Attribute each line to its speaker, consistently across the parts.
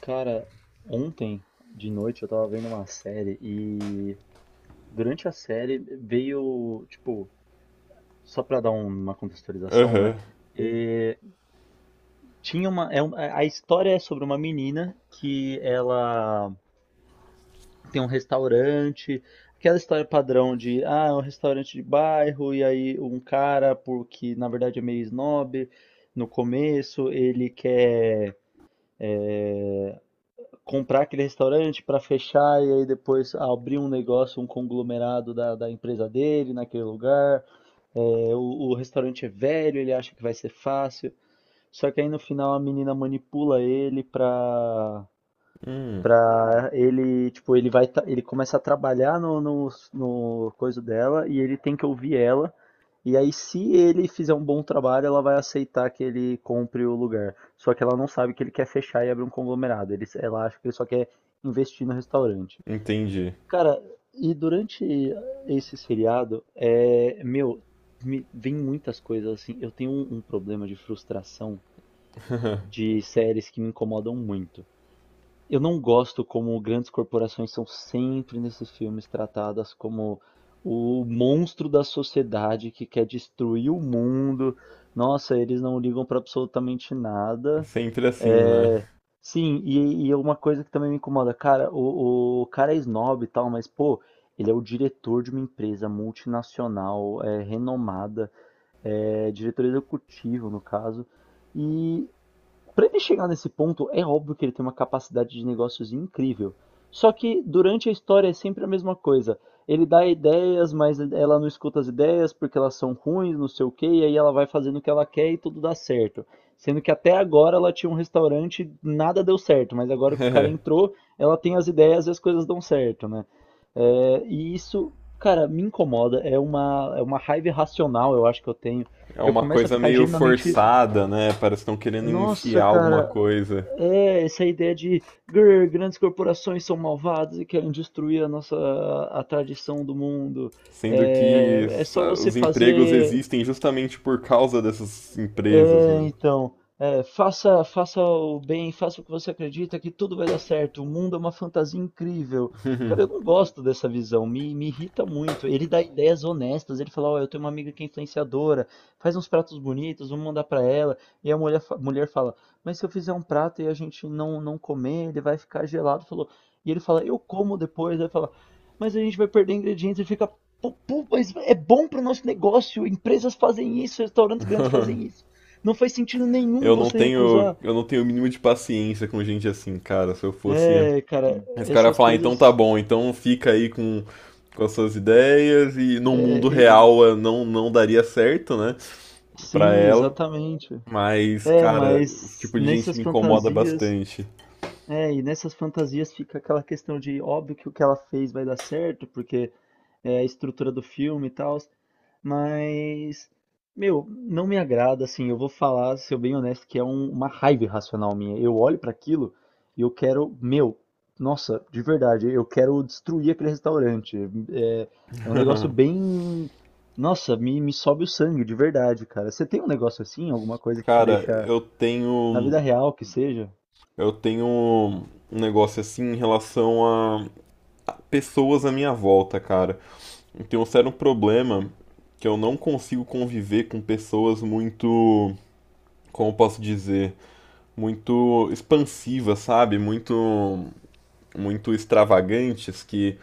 Speaker 1: Cara, ontem de noite eu tava vendo uma série e durante a série veio, tipo, só pra dar uma contextualização, né?
Speaker 2: Aham.
Speaker 1: eh, tinha uma, a história é sobre uma menina que ela tem um restaurante, aquela história padrão de, ah, é um restaurante de bairro, e aí um cara, porque na verdade é meio snob, no começo ele quer comprar aquele restaurante para fechar e aí depois abrir um negócio, um conglomerado da empresa dele naquele lugar. É, o restaurante é velho, ele acha que vai ser fácil. Só que aí no final a menina manipula ele para
Speaker 2: Hum,
Speaker 1: pra ele, tipo, ele vai, ele começa a trabalhar no coisa dela e ele tem que ouvir ela. E aí, se ele fizer um bom trabalho, ela vai aceitar que ele compre o lugar. Só que ela não sabe que ele quer fechar e abrir um conglomerado. Ela acha que ele só quer investir no restaurante.
Speaker 2: entendi.
Speaker 1: Cara, e durante esse seriado é, meu, me vem muitas coisas assim. Eu tenho um problema de frustração de séries que me incomodam muito. Eu não gosto como grandes corporações são sempre nesses filmes tratadas como o monstro da sociedade que quer destruir o mundo. Nossa, eles não ligam para absolutamente nada.
Speaker 2: Sempre assim, né?
Speaker 1: É. Sim, e é uma coisa que também me incomoda, cara, o cara é snob e tal, mas pô, ele é o diretor de uma empresa multinacional, é, renomada, é diretor executivo no caso. E para ele chegar nesse ponto, é óbvio que ele tem uma capacidade de negócios incrível. Só que durante a história é sempre a mesma coisa. Ele dá ideias, mas ela não escuta as ideias porque elas são ruins, não sei o quê, e aí ela vai fazendo o que ela quer e tudo dá certo. Sendo que até agora ela tinha um restaurante, nada deu certo, mas agora que o cara entrou, ela tem as ideias e as coisas dão certo, né? É, e isso, cara, me incomoda. É uma raiva irracional, eu acho que eu tenho.
Speaker 2: É
Speaker 1: Eu
Speaker 2: uma
Speaker 1: começo a
Speaker 2: coisa
Speaker 1: ficar
Speaker 2: meio
Speaker 1: genuinamente,
Speaker 2: forçada, né? Parece que estão querendo
Speaker 1: nossa,
Speaker 2: enfiar alguma
Speaker 1: cara,
Speaker 2: coisa.
Speaker 1: é essa ideia de "Grr, grandes corporações são malvadas e querem destruir a nossa a tradição do mundo".
Speaker 2: Sendo que
Speaker 1: É, é só você
Speaker 2: os empregos
Speaker 1: fazer,
Speaker 2: existem justamente por causa dessas empresas,
Speaker 1: é,
Speaker 2: né?
Speaker 1: então, é, faça, faça o bem, faça o que você acredita que tudo vai dar certo. O mundo é uma fantasia incrível. Cara, eu não gosto dessa visão, me irrita muito. Ele dá ideias honestas, ele fala, ó, eu tenho uma amiga que é influenciadora, faz uns pratos bonitos, vamos mandar pra ela. E a mulher, mulher fala, mas se eu fizer um prato e a gente não comer, ele vai ficar gelado. Falou. E ele fala, eu como depois, aí fala, mas a gente vai perder ingredientes, ele fica, pô, mas é bom para nosso negócio. Empresas fazem isso, restaurantes grandes fazem isso. Não faz sentido nenhum
Speaker 2: Eu não
Speaker 1: você
Speaker 2: tenho,
Speaker 1: recusar.
Speaker 2: eu não tenho o mínimo de paciência com gente assim, cara. Se eu fosse.
Speaker 1: É, cara,
Speaker 2: Esse cara ia
Speaker 1: essas
Speaker 2: falar: "Ah, então tá
Speaker 1: coisas.
Speaker 2: bom, então fica aí com as suas ideias e no
Speaker 1: é,
Speaker 2: mundo
Speaker 1: e-
Speaker 2: real não, não daria certo, né? Pra
Speaker 1: sim,
Speaker 2: ela."
Speaker 1: exatamente.
Speaker 2: Mas,
Speaker 1: É,
Speaker 2: cara, esse
Speaker 1: mas
Speaker 2: tipo de gente
Speaker 1: nessas
Speaker 2: me incomoda
Speaker 1: fantasias.
Speaker 2: bastante.
Speaker 1: É, e nessas fantasias fica aquela questão de óbvio que o que ela fez vai dar certo, porque é a estrutura do filme e tal. Mas, meu, não me agrada, assim, eu vou falar, ser bem honesto, que é uma raiva irracional minha. Eu olho pra aquilo e eu quero, meu, nossa, de verdade, eu quero destruir aquele restaurante. É, é um negócio bem, nossa, me sobe o sangue, de verdade, cara. Você tem um negócio assim, alguma coisa que te
Speaker 2: Cara,
Speaker 1: deixa,
Speaker 2: eu
Speaker 1: na
Speaker 2: tenho
Speaker 1: vida real que seja?
Speaker 2: eu tenho um negócio assim em relação a a pessoas à minha volta, cara. Eu tenho um sério problema que eu não consigo conviver com pessoas muito, como eu posso dizer, muito expansivas, sabe? Muito muito extravagantes, que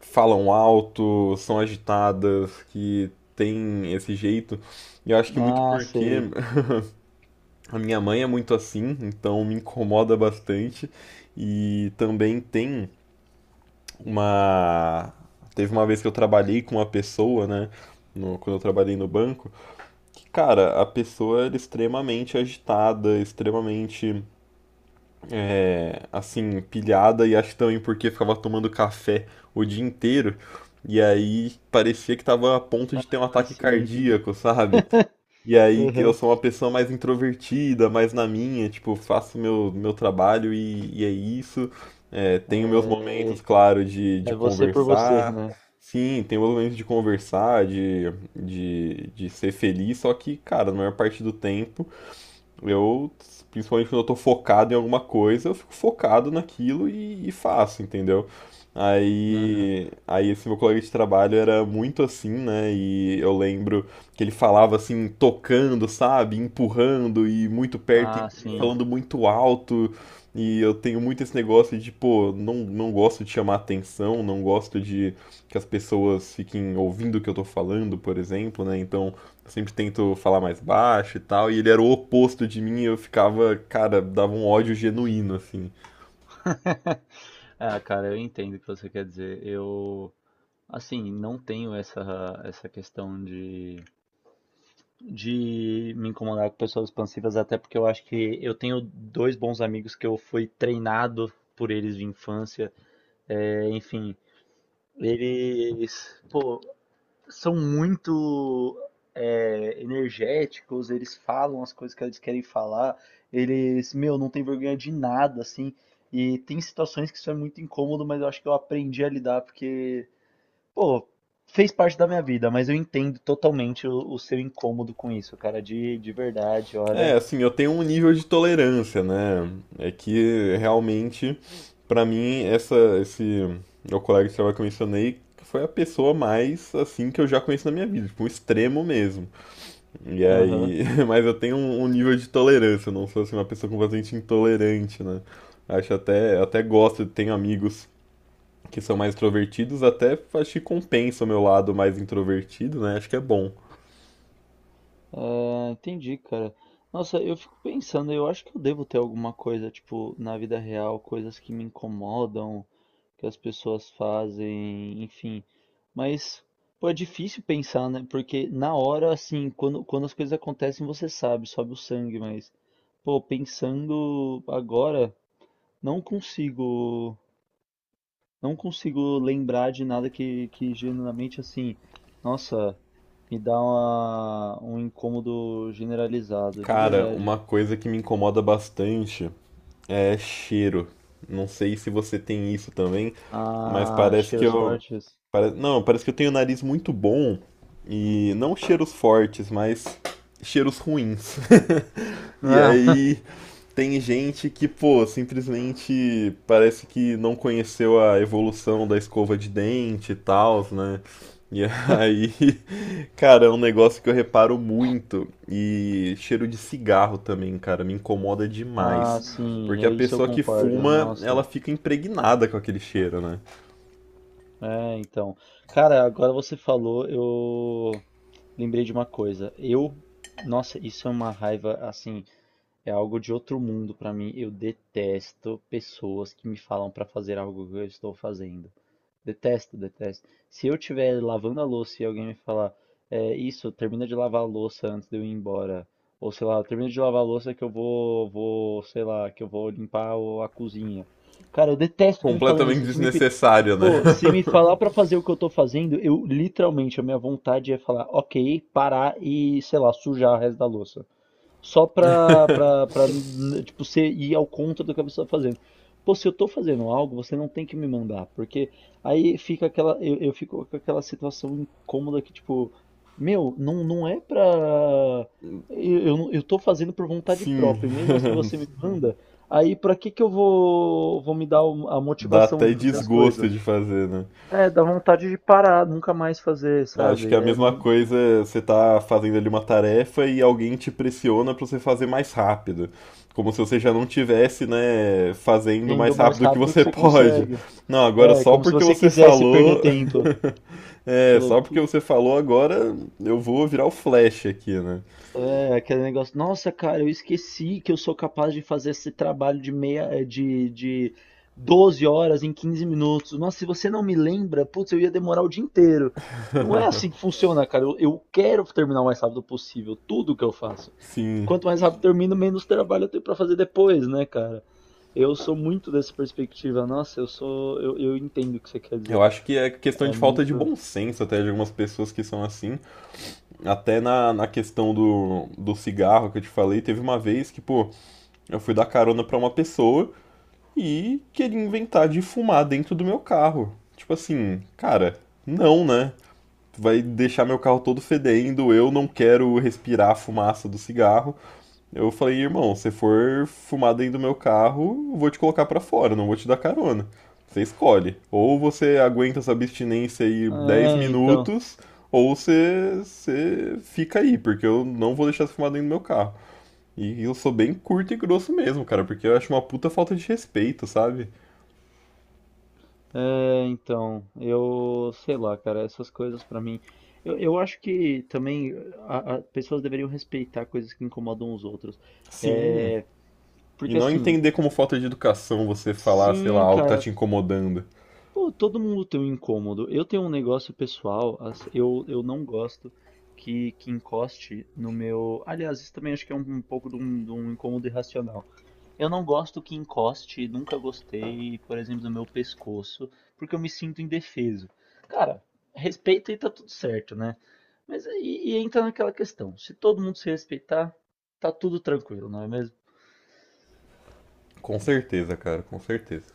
Speaker 2: falam alto, são agitadas, que tem esse jeito. E eu acho que muito
Speaker 1: Ah,
Speaker 2: porque
Speaker 1: sei.
Speaker 2: a minha mãe é muito assim, então me incomoda bastante. E também tem uma. Teve uma vez que eu trabalhei com uma pessoa, né? Quando eu trabalhei no banco, que, cara, a pessoa era extremamente agitada, extremamente assim, pilhada, e acho também porque ficava tomando café o dia inteiro. E aí parecia que tava a ponto de ter um
Speaker 1: Ah,
Speaker 2: ataque
Speaker 1: sim.
Speaker 2: cardíaco, sabe? E aí que eu
Speaker 1: Uhum.
Speaker 2: sou uma pessoa mais introvertida, mais na minha, tipo, faço meu trabalho e é isso. É, tenho meus
Speaker 1: É,
Speaker 2: momentos, claro, de
Speaker 1: é você por você,
Speaker 2: conversar.
Speaker 1: né?
Speaker 2: Sim, tenho meus momentos de conversar, de ser feliz, só que, cara, na maior parte do tempo. Eu, principalmente quando eu tô focado em alguma coisa, eu fico focado naquilo e faço, entendeu?
Speaker 1: Uhum.
Speaker 2: Aí, esse meu colega de trabalho era muito assim, né? E eu lembro que ele falava assim, tocando, sabe? Empurrando e muito perto
Speaker 1: Ah,
Speaker 2: e
Speaker 1: sim.
Speaker 2: falando muito alto. E eu tenho muito esse negócio de, pô, não, não gosto de chamar atenção, não gosto de que as pessoas fiquem ouvindo o que eu tô falando, por exemplo, né? Então, eu sempre tento falar mais baixo e tal, e ele era o oposto de mim, e eu ficava, cara, dava um ódio genuíno, assim.
Speaker 1: Ah, cara, eu entendo o que você quer dizer. Eu, assim, não tenho essa questão de me incomodar com pessoas expansivas, até porque eu acho que eu tenho dois bons amigos que eu fui treinado por eles de infância. É, enfim, eles, pô, são muito, é, energéticos, eles falam as coisas que eles querem falar, eles, meu, não tem vergonha de nada, assim. E tem situações que isso é muito incômodo, mas eu acho que eu aprendi a lidar, porque, pô, fez parte da minha vida, mas eu entendo totalmente o seu incômodo com isso, cara, de verdade,
Speaker 2: É,
Speaker 1: olha.
Speaker 2: assim, eu tenho um nível de tolerância, né? É que realmente, pra mim, essa, esse meu colega de trabalho que eu mencionei foi a pessoa mais, assim, que eu já conheço na minha vida, tipo, um extremo mesmo. E
Speaker 1: Aham.
Speaker 2: aí, mas eu tenho um, um nível de tolerância, eu não sou, assim, uma pessoa completamente intolerante, né? Acho até, até gosto, tenho amigos que são mais extrovertidos, até acho que compensa o meu lado mais introvertido, né? Acho que é bom.
Speaker 1: Ah, entendi, cara. Nossa, eu fico pensando, eu acho que eu devo ter alguma coisa, tipo, na vida real, coisas que me incomodam que as pessoas fazem, enfim. Mas, pô, é difícil pensar, né? Porque na hora, assim, quando as coisas acontecem, você sabe, sobe o sangue, mas, pô, pensando agora, não consigo, não consigo lembrar de nada que genuinamente, assim, nossa, me dá uma, um incômodo generalizado, de
Speaker 2: Cara,
Speaker 1: verdade.
Speaker 2: uma coisa que me incomoda bastante é cheiro. Não sei se você tem isso também, mas
Speaker 1: Ah,
Speaker 2: parece que
Speaker 1: cheiros
Speaker 2: eu.
Speaker 1: fortes.
Speaker 2: Não, parece que eu tenho o nariz muito bom e não cheiros fortes, mas cheiros ruins. E
Speaker 1: Ah,
Speaker 2: aí tem gente que, pô, simplesmente parece que não conheceu a evolução da escova de dente e tal, né? E aí, cara, é um negócio que eu reparo muito. E cheiro de cigarro também, cara, me incomoda
Speaker 1: ah,
Speaker 2: demais.
Speaker 1: sim,
Speaker 2: Porque a
Speaker 1: é isso eu
Speaker 2: pessoa que
Speaker 1: concordo.
Speaker 2: fuma,
Speaker 1: Nossa.
Speaker 2: ela fica impregnada com aquele cheiro, né?
Speaker 1: É, então. Cara, agora você falou, eu lembrei de uma coisa. Eu, nossa, isso é uma raiva, assim, é algo de outro mundo pra mim. Eu detesto pessoas que me falam pra fazer algo que eu estou fazendo. Detesto, detesto. Se eu estiver lavando a louça e alguém me falar, é isso, termina de lavar a louça antes de eu ir embora. Ou sei lá, termina de lavar a louça que eu vou, vou, sei lá, que eu vou limpar a cozinha. Cara, eu detesto que me falem
Speaker 2: Completamente
Speaker 1: isso. Se me
Speaker 2: desnecessário, né?
Speaker 1: Pô, se me falar pra fazer o que eu tô fazendo, eu literalmente, a minha vontade é falar, ok, parar e, sei lá, sujar o resto da louça. Só tipo, você ir ao contra do que a pessoa tá fazendo. Pô, se eu tô fazendo algo, você não tem que me mandar, porque aí fica aquela, eu fico com aquela situação incômoda que, tipo, meu, não é pra... eu, não- eu tô fazendo por vontade
Speaker 2: Sim,
Speaker 1: própria, e mesmo assim você me manda, aí pra que que eu vou, vou me dar a
Speaker 2: dá
Speaker 1: motivação
Speaker 2: até
Speaker 1: de fazer as
Speaker 2: desgosto
Speaker 1: coisas?
Speaker 2: de fazer, né?
Speaker 1: É, dá vontade de parar, nunca mais fazer,
Speaker 2: Acho que
Speaker 1: sabe?
Speaker 2: é a mesma coisa, você tá fazendo ali uma tarefa e alguém te pressiona pra você fazer mais rápido. Como se você já não tivesse, né, fazendo mais
Speaker 1: Indo mais
Speaker 2: rápido que
Speaker 1: rápido que
Speaker 2: você
Speaker 1: você
Speaker 2: pode.
Speaker 1: consegue.
Speaker 2: Não, agora
Speaker 1: É,
Speaker 2: só
Speaker 1: como se
Speaker 2: porque
Speaker 1: você
Speaker 2: você
Speaker 1: quisesse perder
Speaker 2: falou.
Speaker 1: tempo.
Speaker 2: É,
Speaker 1: Falou.
Speaker 2: só porque você falou agora eu vou virar o Flash aqui, né?
Speaker 1: É, aquele negócio, nossa, cara, eu esqueci que eu sou capaz de fazer esse trabalho de meia, de 12 horas em 15 minutos. Nossa, se você não me lembra, putz, eu ia demorar o dia inteiro. Não é assim que funciona, cara. Eu quero terminar o mais rápido possível, tudo que eu faço.
Speaker 2: Sim.
Speaker 1: Quanto mais rápido eu termino, menos trabalho eu tenho pra fazer depois, né, cara? Eu sou muito dessa perspectiva. Nossa, eu sou, eu entendo o que você quer
Speaker 2: Eu
Speaker 1: dizer.
Speaker 2: acho que é questão
Speaker 1: É
Speaker 2: de falta de
Speaker 1: muito.
Speaker 2: bom senso até de algumas pessoas que são assim. Até na, na questão do, do cigarro que eu te falei, teve uma vez que, pô, eu fui dar carona pra uma pessoa e queria inventar de fumar dentro do meu carro. Tipo assim, cara, não, né? Vai deixar meu carro todo fedendo, eu não quero respirar a fumaça do cigarro. Eu falei: irmão, se for fumar dentro do meu carro, eu vou te colocar pra fora, não vou te dar carona. Você escolhe. Ou você aguenta essa abstinência aí 10
Speaker 1: É, então.
Speaker 2: minutos, ou você, você fica aí, porque eu não vou deixar você fumar dentro do meu carro. E eu sou bem curto e grosso mesmo, cara, porque eu acho uma puta falta de respeito, sabe?
Speaker 1: É, então, eu sei lá, cara, essas coisas pra mim. Eu acho que também pessoas deveriam respeitar coisas que incomodam os outros.
Speaker 2: Sim.
Speaker 1: É,
Speaker 2: E
Speaker 1: porque
Speaker 2: não
Speaker 1: assim,
Speaker 2: entender como falta de educação você falar, sei lá,
Speaker 1: sim,
Speaker 2: algo que tá
Speaker 1: cara,
Speaker 2: te incomodando.
Speaker 1: pô, todo mundo tem um incômodo. Eu tenho um negócio pessoal, eu não gosto que encoste no meu. Aliás, isso também acho que é um pouco de de um incômodo irracional. Eu não gosto que encoste, nunca gostei, por exemplo, do meu pescoço, porque eu me sinto indefeso. Cara, respeita e tá tudo certo, né? Mas aí e entra naquela questão, se todo mundo se respeitar, tá tudo tranquilo, não é mesmo?
Speaker 2: Com certeza, cara, com certeza.